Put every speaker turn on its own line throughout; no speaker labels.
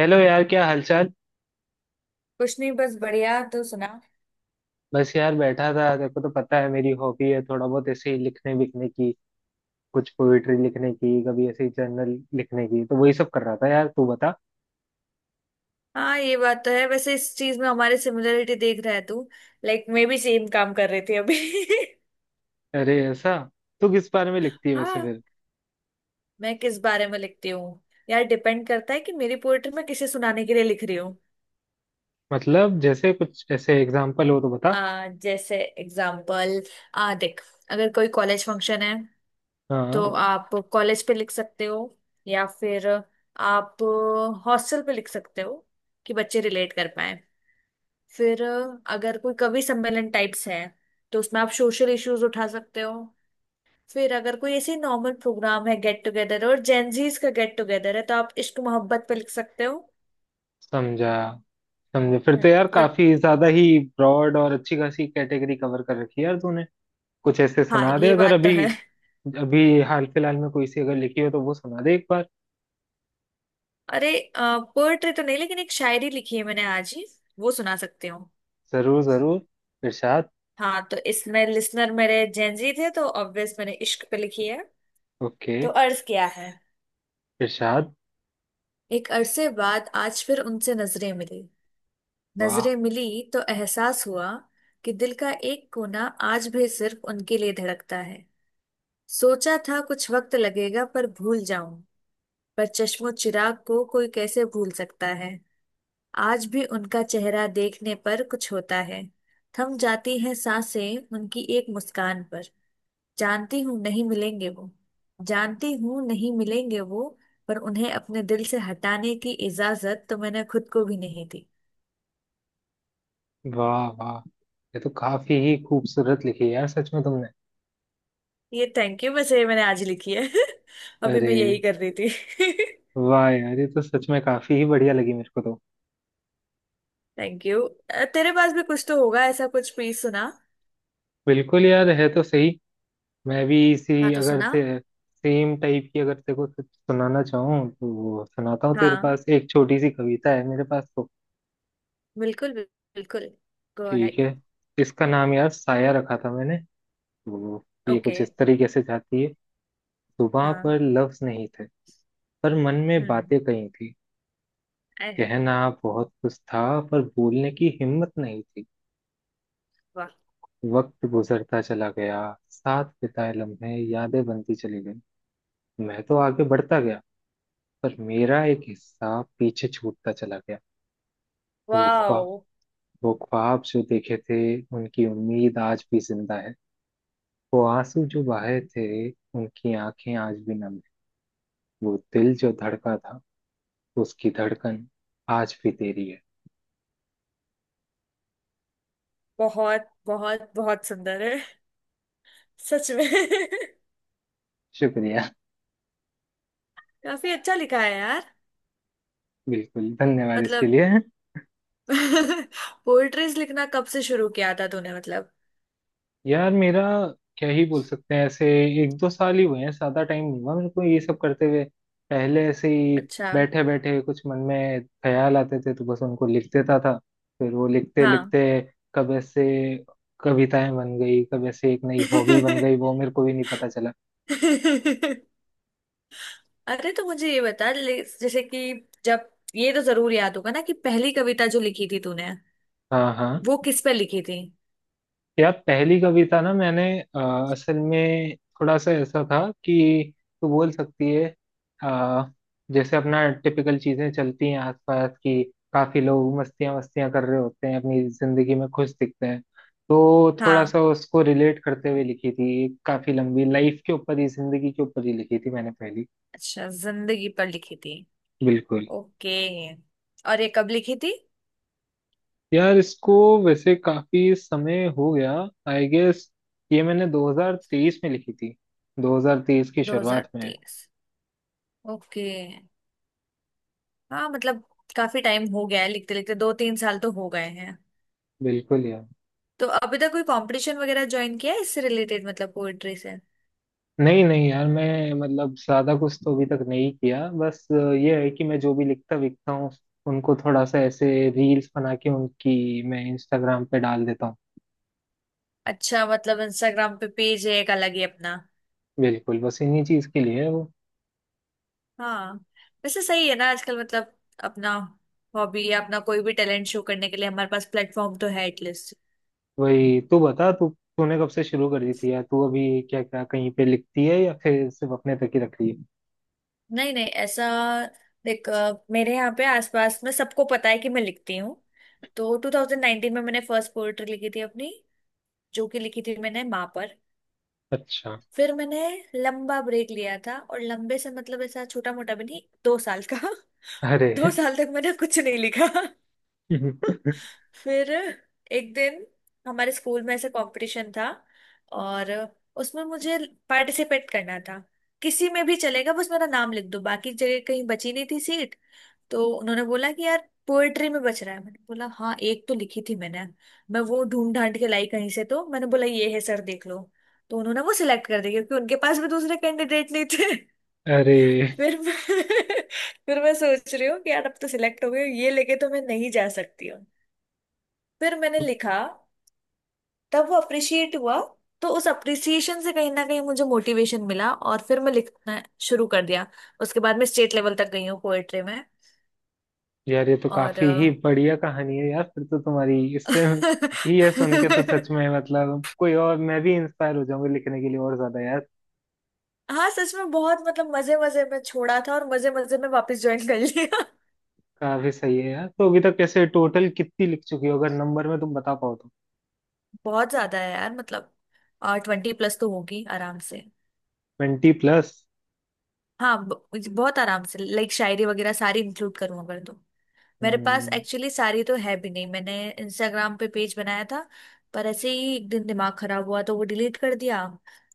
Hello यार, क्या हालचाल।
कुछ नहीं बस बढ़िया। तो सुना।
बस यार बैठा था, देखो तो पता है मेरी हॉबी है थोड़ा बहुत ऐसे ही लिखने विखने की, कुछ पोइट्री लिखने की, कभी ऐसे ही जर्नल लिखने की, तो वही सब कर रहा था यार। तू बता।
हाँ ये बात तो है। वैसे इस चीज में हमारे सिमिलरिटी देख रहा है तू। लाइक मैं भी सेम काम कर रही थी अभी।
अरे ऐसा। तू किस बारे में लिखती है वैसे
हाँ
फिर?
मैं किस बारे में लिखती हूँ। यार डिपेंड करता है कि मेरी पोएट्री मैं किसे सुनाने के लिए लिख रही हूँ।
मतलब जैसे कुछ ऐसे एग्जाम्पल हो तो बता।
जैसे एग्जाम्पल। आ देख अगर कोई कॉलेज फंक्शन है
हाँ।
तो आप कॉलेज पे लिख सकते हो। या फिर आप हॉस्टल पे लिख सकते हो कि बच्चे रिलेट कर पाए। फिर अगर कोई कवि सम्मेलन टाइप्स है तो उसमें आप सोशल इश्यूज उठा सकते हो। फिर अगर कोई ऐसे नॉर्मल प्रोग्राम है गेट टुगेदर और जेंजीज का गेट टुगेदर है तो आप इश्क मोहब्बत पे लिख सकते हो।
समझा समझा। फिर तो
हम्म,
यार
तो
काफी ज्यादा ही ब्रॉड और अच्छी खासी कैटेगरी कवर कर रखी है यार तूने। कुछ ऐसे
हाँ
सुना दे
ये
अगर
बात तो
अभी।
है।
अभी हाल फिलहाल में कोई सी अगर लिखी हो तो वो सुना दे एक बार।
अरे पोएट्री तो नहीं लेकिन एक शायरी लिखी है मैंने आज ही। वो सुना सकती।
जरूर जरूर। इरशाद।
हाँ तो इसमें लिसनर मेरे जेंजी थे तो ऑब्वियस मैंने इश्क पे लिखी है।
ओके।
तो अर्ज किया है।
इरशाद।
एक अरसे बाद आज फिर उनसे नजरें मिली।
वाह
नजरें मिली तो एहसास हुआ कि दिल का एक कोना आज भी सिर्फ उनके लिए धड़कता है। सोचा था कुछ वक्त लगेगा पर भूल जाऊं। पर चश्मो चिराग को कोई कैसे भूल सकता है। आज भी उनका चेहरा देखने पर कुछ होता है। थम जाती हैं सांसें उनकी एक मुस्कान पर। जानती हूँ नहीं मिलेंगे वो। जानती हूँ नहीं मिलेंगे वो। पर उन्हें अपने दिल से हटाने की इजाजत तो मैंने खुद को भी नहीं दी।
वाह वाह, ये तो काफी ही खूबसूरत लिखी है यार सच में तुमने।
ये थैंक यू। वैसे ये मैंने आज लिखी है। अभी मैं
अरे
यही कर रही थी।
वाह यार, ये तो सच में काफी ही बढ़िया लगी मेरे को तो।
Thank you. तेरे पास भी कुछ तो होगा ऐसा कुछ प्लीज सुना।
बिल्कुल यार, है तो सही। मैं भी
हाँ
इसी
तो
अगर
सुना।
ते सेम टाइप की अगर तेरे को कुछ सुनाना चाहूँ तो सुनाता हूँ। तेरे
हाँ
पास एक छोटी सी कविता है मेरे पास तो।
बिल्कुल बिल्कुल। गो
ठीक
अहेड।
है। इसका नाम यार साया रखा था मैंने। तो ये
ओके।
कुछ इस तरीके से जाती है। सुबह
हाँ।
पर लफ्ज नहीं थे, पर मन में
हम्म।
बातें कही थी।
अरे,
कहना बहुत कुछ था, पर बोलने की हिम्मत नहीं थी।
वाह।
वक्त गुजरता चला गया। साथ बिताए लम्हे यादें बनती चली गई। मैं तो आगे बढ़ता गया, पर मेरा एक हिस्सा पीछे छूटता चला गया। वो
वाओ।
ख्वाब, वो ख्वाब जो देखे थे, उनकी उम्मीद आज भी जिंदा है। वो आंसू जो बहे थे, उनकी आंखें आज भी नम है। वो दिल जो धड़का था, उसकी धड़कन आज भी तेरी है।
बहुत बहुत बहुत सुंदर है सच में।
शुक्रिया।
काफी अच्छा लिखा है यार।
बिल्कुल, धन्यवाद इसके
मतलब
लिए।
पोएट्रीज लिखना कब से शुरू किया था तूने मतलब।
यार मेरा क्या ही बोल सकते हैं ऐसे, एक दो साल ही हुए हैं, ज्यादा टाइम नहीं हुआ मेरे को ये सब करते हुए। पहले ऐसे ही
अच्छा।
बैठे बैठे कुछ मन में ख्याल आते थे तो बस उनको लिख देता था। फिर वो लिखते
हाँ।
लिखते कब ऐसे कविताएं बन गई, कब ऐसे एक नई हॉबी बन गई वो मेरे को भी नहीं पता चला।
अरे तो मुझे ये जैसे कि जब ये तो जरूर याद होगा ना कि पहली कविता जो लिखी थी तूने
हाँ हाँ।
वो किस पर लिखी थी।
यार पहली कविता ना मैंने असल में थोड़ा सा ऐसा था कि तू बोल सकती है, अ, जैसे अपना टिपिकल चीजें चलती हैं आसपास की। काफी लोग मस्तियां मस्तियां कर रहे होते हैं अपनी जिंदगी में, खुश दिखते हैं। तो थोड़ा
हाँ।
सा उसको रिलेट करते हुए लिखी थी, एक काफी लंबी लाइफ के ऊपर ही, जिंदगी के ऊपर ही लिखी थी मैंने पहली।
अच्छा जिंदगी पर लिखी थी।
बिल्कुल।
ओके। और ये कब लिखी थी।
यार इसको वैसे काफी समय हो गया, आई गेस ये मैंने 2023 में लिखी थी, 2023 की शुरुआत में।
2023। ओके। हाँ मतलब काफी टाइम हो गया है लिखते लिखते दो तीन साल तो हो गए।
बिल्कुल यार।
तो अभी तक कोई कंपटीशन वगैरह ज्वाइन किया है इससे रिलेटेड मतलब पोएट्री से।
नहीं नहीं यार, मैं मतलब ज्यादा कुछ तो अभी तक नहीं किया, बस ये है कि मैं जो भी लिखता विकता हूँ उनको थोड़ा सा ऐसे रील्स बना के उनकी मैं इंस्टाग्राम पे डाल देता हूँ।
अच्छा मतलब इंस्टाग्राम पे पेज है एक अलग ही अपना।
बिल्कुल, बस इन्हीं चीज के लिए है वो।
हाँ। वैसे सही है ना आजकल मतलब अपना हॉबी या अपना कोई भी टैलेंट शो करने के लिए हमारे पास प्लेटफॉर्म तो है एटलीस्ट।
वही। तू बता। तू तूने कब से शुरू कर दी थी यार? तू अभी क्या क्या कहीं पे लिखती है या फिर सिर्फ अपने तक ही रख रही है?
नहीं नहीं ऐसा देख मेरे यहाँ पे आसपास में सबको पता है कि मैं लिखती हूँ। तो 2019 में मैंने फर्स्ट पोएट्री लिखी थी अपनी जो कि लिखी थी मैंने माँ पर।
अच्छा।
फिर मैंने लंबा ब्रेक लिया था और लंबे से मतलब ऐसा छोटा मोटा भी नहीं दो साल का।
अरे।
दो साल तक मैंने कुछ नहीं लिखा। फिर एक दिन हमारे स्कूल में ऐसा कंपटीशन था और उसमें मुझे पार्टिसिपेट करना था। किसी में भी चलेगा बस मेरा नाम लिख दो बाकी जगह कहीं बची नहीं थी सीट। तो उन्होंने बोला कि यार पोएट्री में बच रहा है मैंने बोला हाँ एक तो लिखी थी मैंने। मैं वो ढूंढ ढांड के लाई कहीं से तो मैंने बोला ये है सर देख लो। तो उन्होंने वो सिलेक्ट कर दिया क्योंकि उनके पास भी दूसरे कैंडिडेट नहीं थे।
अरे
फिर मैं फिर मैं सोच रही हूँ कि यार अब तो सिलेक्ट हो गई ये लेके तो मैं नहीं जा सकती हूँ। फिर मैंने लिखा। तब वो अप्रिशिएट हुआ। तो उस अप्रिसिएशन से कहीं ना कहीं मुझे मोटिवेशन मिला और फिर मैं लिखना शुरू कर दिया। उसके बाद मैं स्टेट लेवल तक गई हूँ पोएट्री में।
यार, ये तो
और
काफी ही बढ़िया कहानी है यार, फिर तो तुम्हारी इससे ही ये सुन के तो सच में मतलब कोई, और मैं भी इंस्पायर हो जाऊंगा लिखने के लिए और ज्यादा यार।
हाँ सच में बहुत मतलब मजे मजे में छोड़ा था और मजे मजे में वापस ज्वाइन कर लिया।
काफी सही है यार। तो अभी तक कैसे टोटल कितनी लिख चुकी हो, अगर नंबर में तुम बता पाओ तो?
बहुत ज्यादा है यार मतलब। और 20+ तो होगी आराम से।
20+।
हाँ बहुत आराम से लाइक शायरी वगैरह सारी इंक्लूड करूँ अगर तो। मेरे पास
हम्म।
एक्चुअली सारी तो है भी नहीं। मैंने इंस्टाग्राम पे पेज बनाया था पर ऐसे ही एक दिन दिमाग खराब हुआ तो वो डिलीट कर दिया।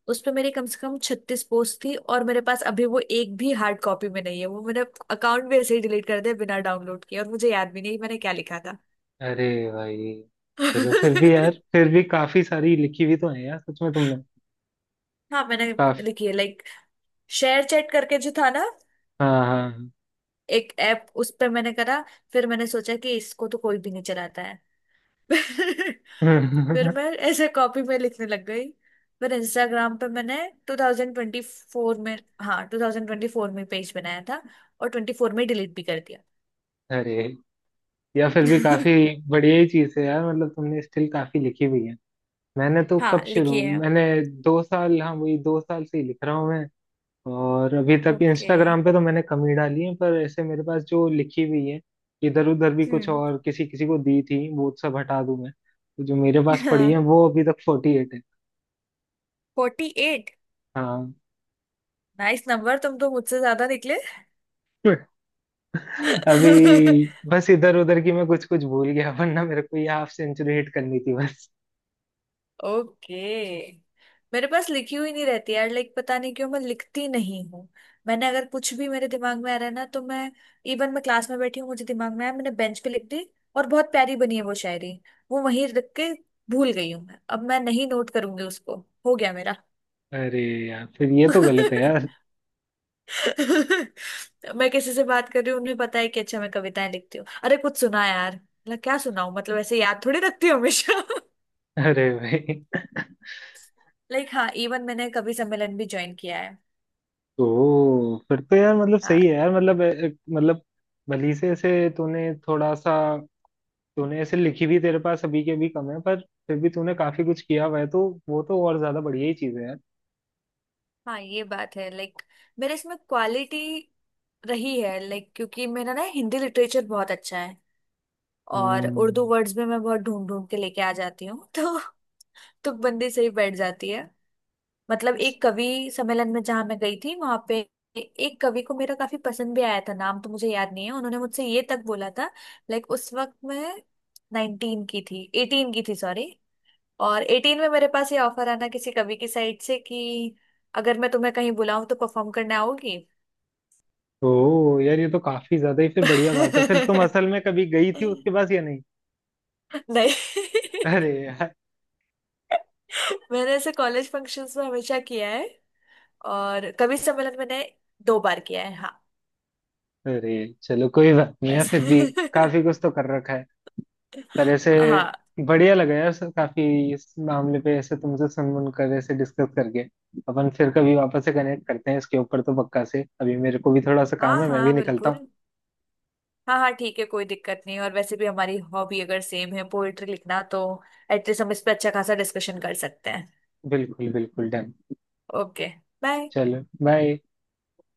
उस पे मेरे कम से कम 36 पोस्ट थी और मेरे पास अभी वो एक भी हार्ड कॉपी में नहीं है। वो मैंने अकाउंट भी ऐसे ही डिलीट कर दिया बिना डाउनलोड किए और मुझे याद भी नहीं मैंने क्या लिखा था।
अरे भाई। चलो फिर भी यार, फिर भी काफी सारी लिखी हुई तो है यार सच में तुमने।
हाँ मैंने
काफी।
लिखी है लाइक शेयर चैट करके जो था ना
हाँ हाँ।
एक ऐप उस पे मैंने करा। फिर मैंने सोचा कि इसको तो कोई भी नहीं चलाता है। फिर मैं ऐसे कॉपी में लिखने लग गई। फिर इंस्टाग्राम पे मैंने 2024 में हाँ 2024 में पेज बनाया था और 24 में डिलीट भी कर दिया।
अरे, या फिर भी काफी बढ़िया ही चीज है यार, मतलब तुमने स्टिल काफी लिखी हुई है। मैंने तो
हाँ
कब शुरू।
लिखिए।
मैंने 2 साल, हाँ, वही 2 साल से ही लिख रहा हूँ मैं। और अभी तक
ओके।
इंस्टाग्राम पे तो मैंने कम ही डाली है, पर ऐसे मेरे पास जो लिखी हुई है, इधर उधर भी कुछ
हम्म।
और किसी किसी को दी थी, वो सब हटा दूं मैं तो जो मेरे पास पड़ी
हाँ।
है, वो अभी तक 48 है।
48।
हाँ।
नाइस नंबर तुम तो मुझसे ज्यादा निकले।
अभी बस इधर उधर की मैं कुछ कुछ भूल गया, वरना मेरे को ये हाफ सेंचुरी हिट करनी थी बस।
ओके। मेरे पास लिखी हुई नहीं रहती यार लाइक पता नहीं क्यों मैं लिखती नहीं हूँ। मैंने अगर कुछ भी मेरे दिमाग में आ रहा है ना तो मैं इवन मैं क्लास में बैठी हूँ मुझे दिमाग में आया मैंने बेंच पे लिख दी और बहुत प्यारी बनी है वो शायरी। वो वहीं रख के भूल गई हूँ मैं। अब मैं नहीं नोट करूंगी उसको। हो गया मेरा।
अरे यार, फिर ये तो गलत है यार।
मैं किसी से बात कर रही हूँ उन्हें पता है कि अच्छा मैं कविताएं लिखती हूँ अरे कुछ सुना यार मतलब क्या सुनाऊं मतलब ऐसे याद थोड़ी रखती हूँ हमेशा।
अरे भाई।
लाइक हाँ इवन मैंने कवि सम्मेलन भी ज्वाइन किया है।
ओ फिर तो यार मतलब
हाँ
सही है यार, मतलब मतलब भली से ऐसे तूने थोड़ा सा, तूने ऐसे लिखी भी तेरे पास अभी के भी कम है, पर फिर भी तूने काफी कुछ किया हुआ है तो वो तो और ज्यादा बढ़िया ही चीज है यार।
हाँ ये बात है लाइक मेरे इसमें क्वालिटी रही है लाइक क्योंकि मेरा ना हिंदी लिटरेचर बहुत अच्छा है। और उर्दू
हम्म।
वर्ड्स में मैं बहुत ढूंढ ढूंढ के लेके आ जाती हूँ। तो तुकबंदी से ही बैठ जाती है। मतलब एक कवि सम्मेलन में जहाँ मैं गई थी वहां पे एक कवि को मेरा काफी पसंद भी आया था। नाम तो मुझे याद नहीं है। उन्होंने मुझसे ये तक बोला था। लाइक उस वक्त मैं 19 की थी 18 की थी सॉरी। और 18 में मेरे पास ये ऑफर आना किसी कवि की साइड से कि अगर मैं तुम्हें कहीं बुलाऊं तो परफॉर्म करने आओगी।
ओ यार, ये तो काफी ज्यादा ही फिर बढ़िया बात है। फिर तुम
नहीं।
असल में कभी गई थी उसके पास या नहीं? अरे यार।
मैंने ऐसे कॉलेज फंक्शंस में हमेशा किया है। और कवि सम्मेलन मैंने दो बार किया है। हाँ
अरे चलो कोई बात नहीं है,
बस।
फिर भी काफी कुछ तो कर रखा है यार ऐसे,
हाँ
बढ़िया लगा यार सर काफी इस मामले पे ऐसे तुमसे सुन सुन कर ऐसे डिस्कस करके। अपन फिर कभी वापस से कनेक्ट करते हैं इसके ऊपर तो पक्का से, अभी मेरे को भी थोड़ा सा काम
हाँ
है, मैं भी
हाँ
निकलता हूँ।
बिल्कुल। हाँ हाँ ठीक है कोई दिक्कत नहीं और वैसे भी हमारी हॉबी अगर सेम है पोएट्री लिखना तो एटलीस्ट हम इस पे अच्छा खासा डिस्कशन कर सकते हैं।
बिल्कुल बिल्कुल डन।
ओके। बाय।
चलो बाय।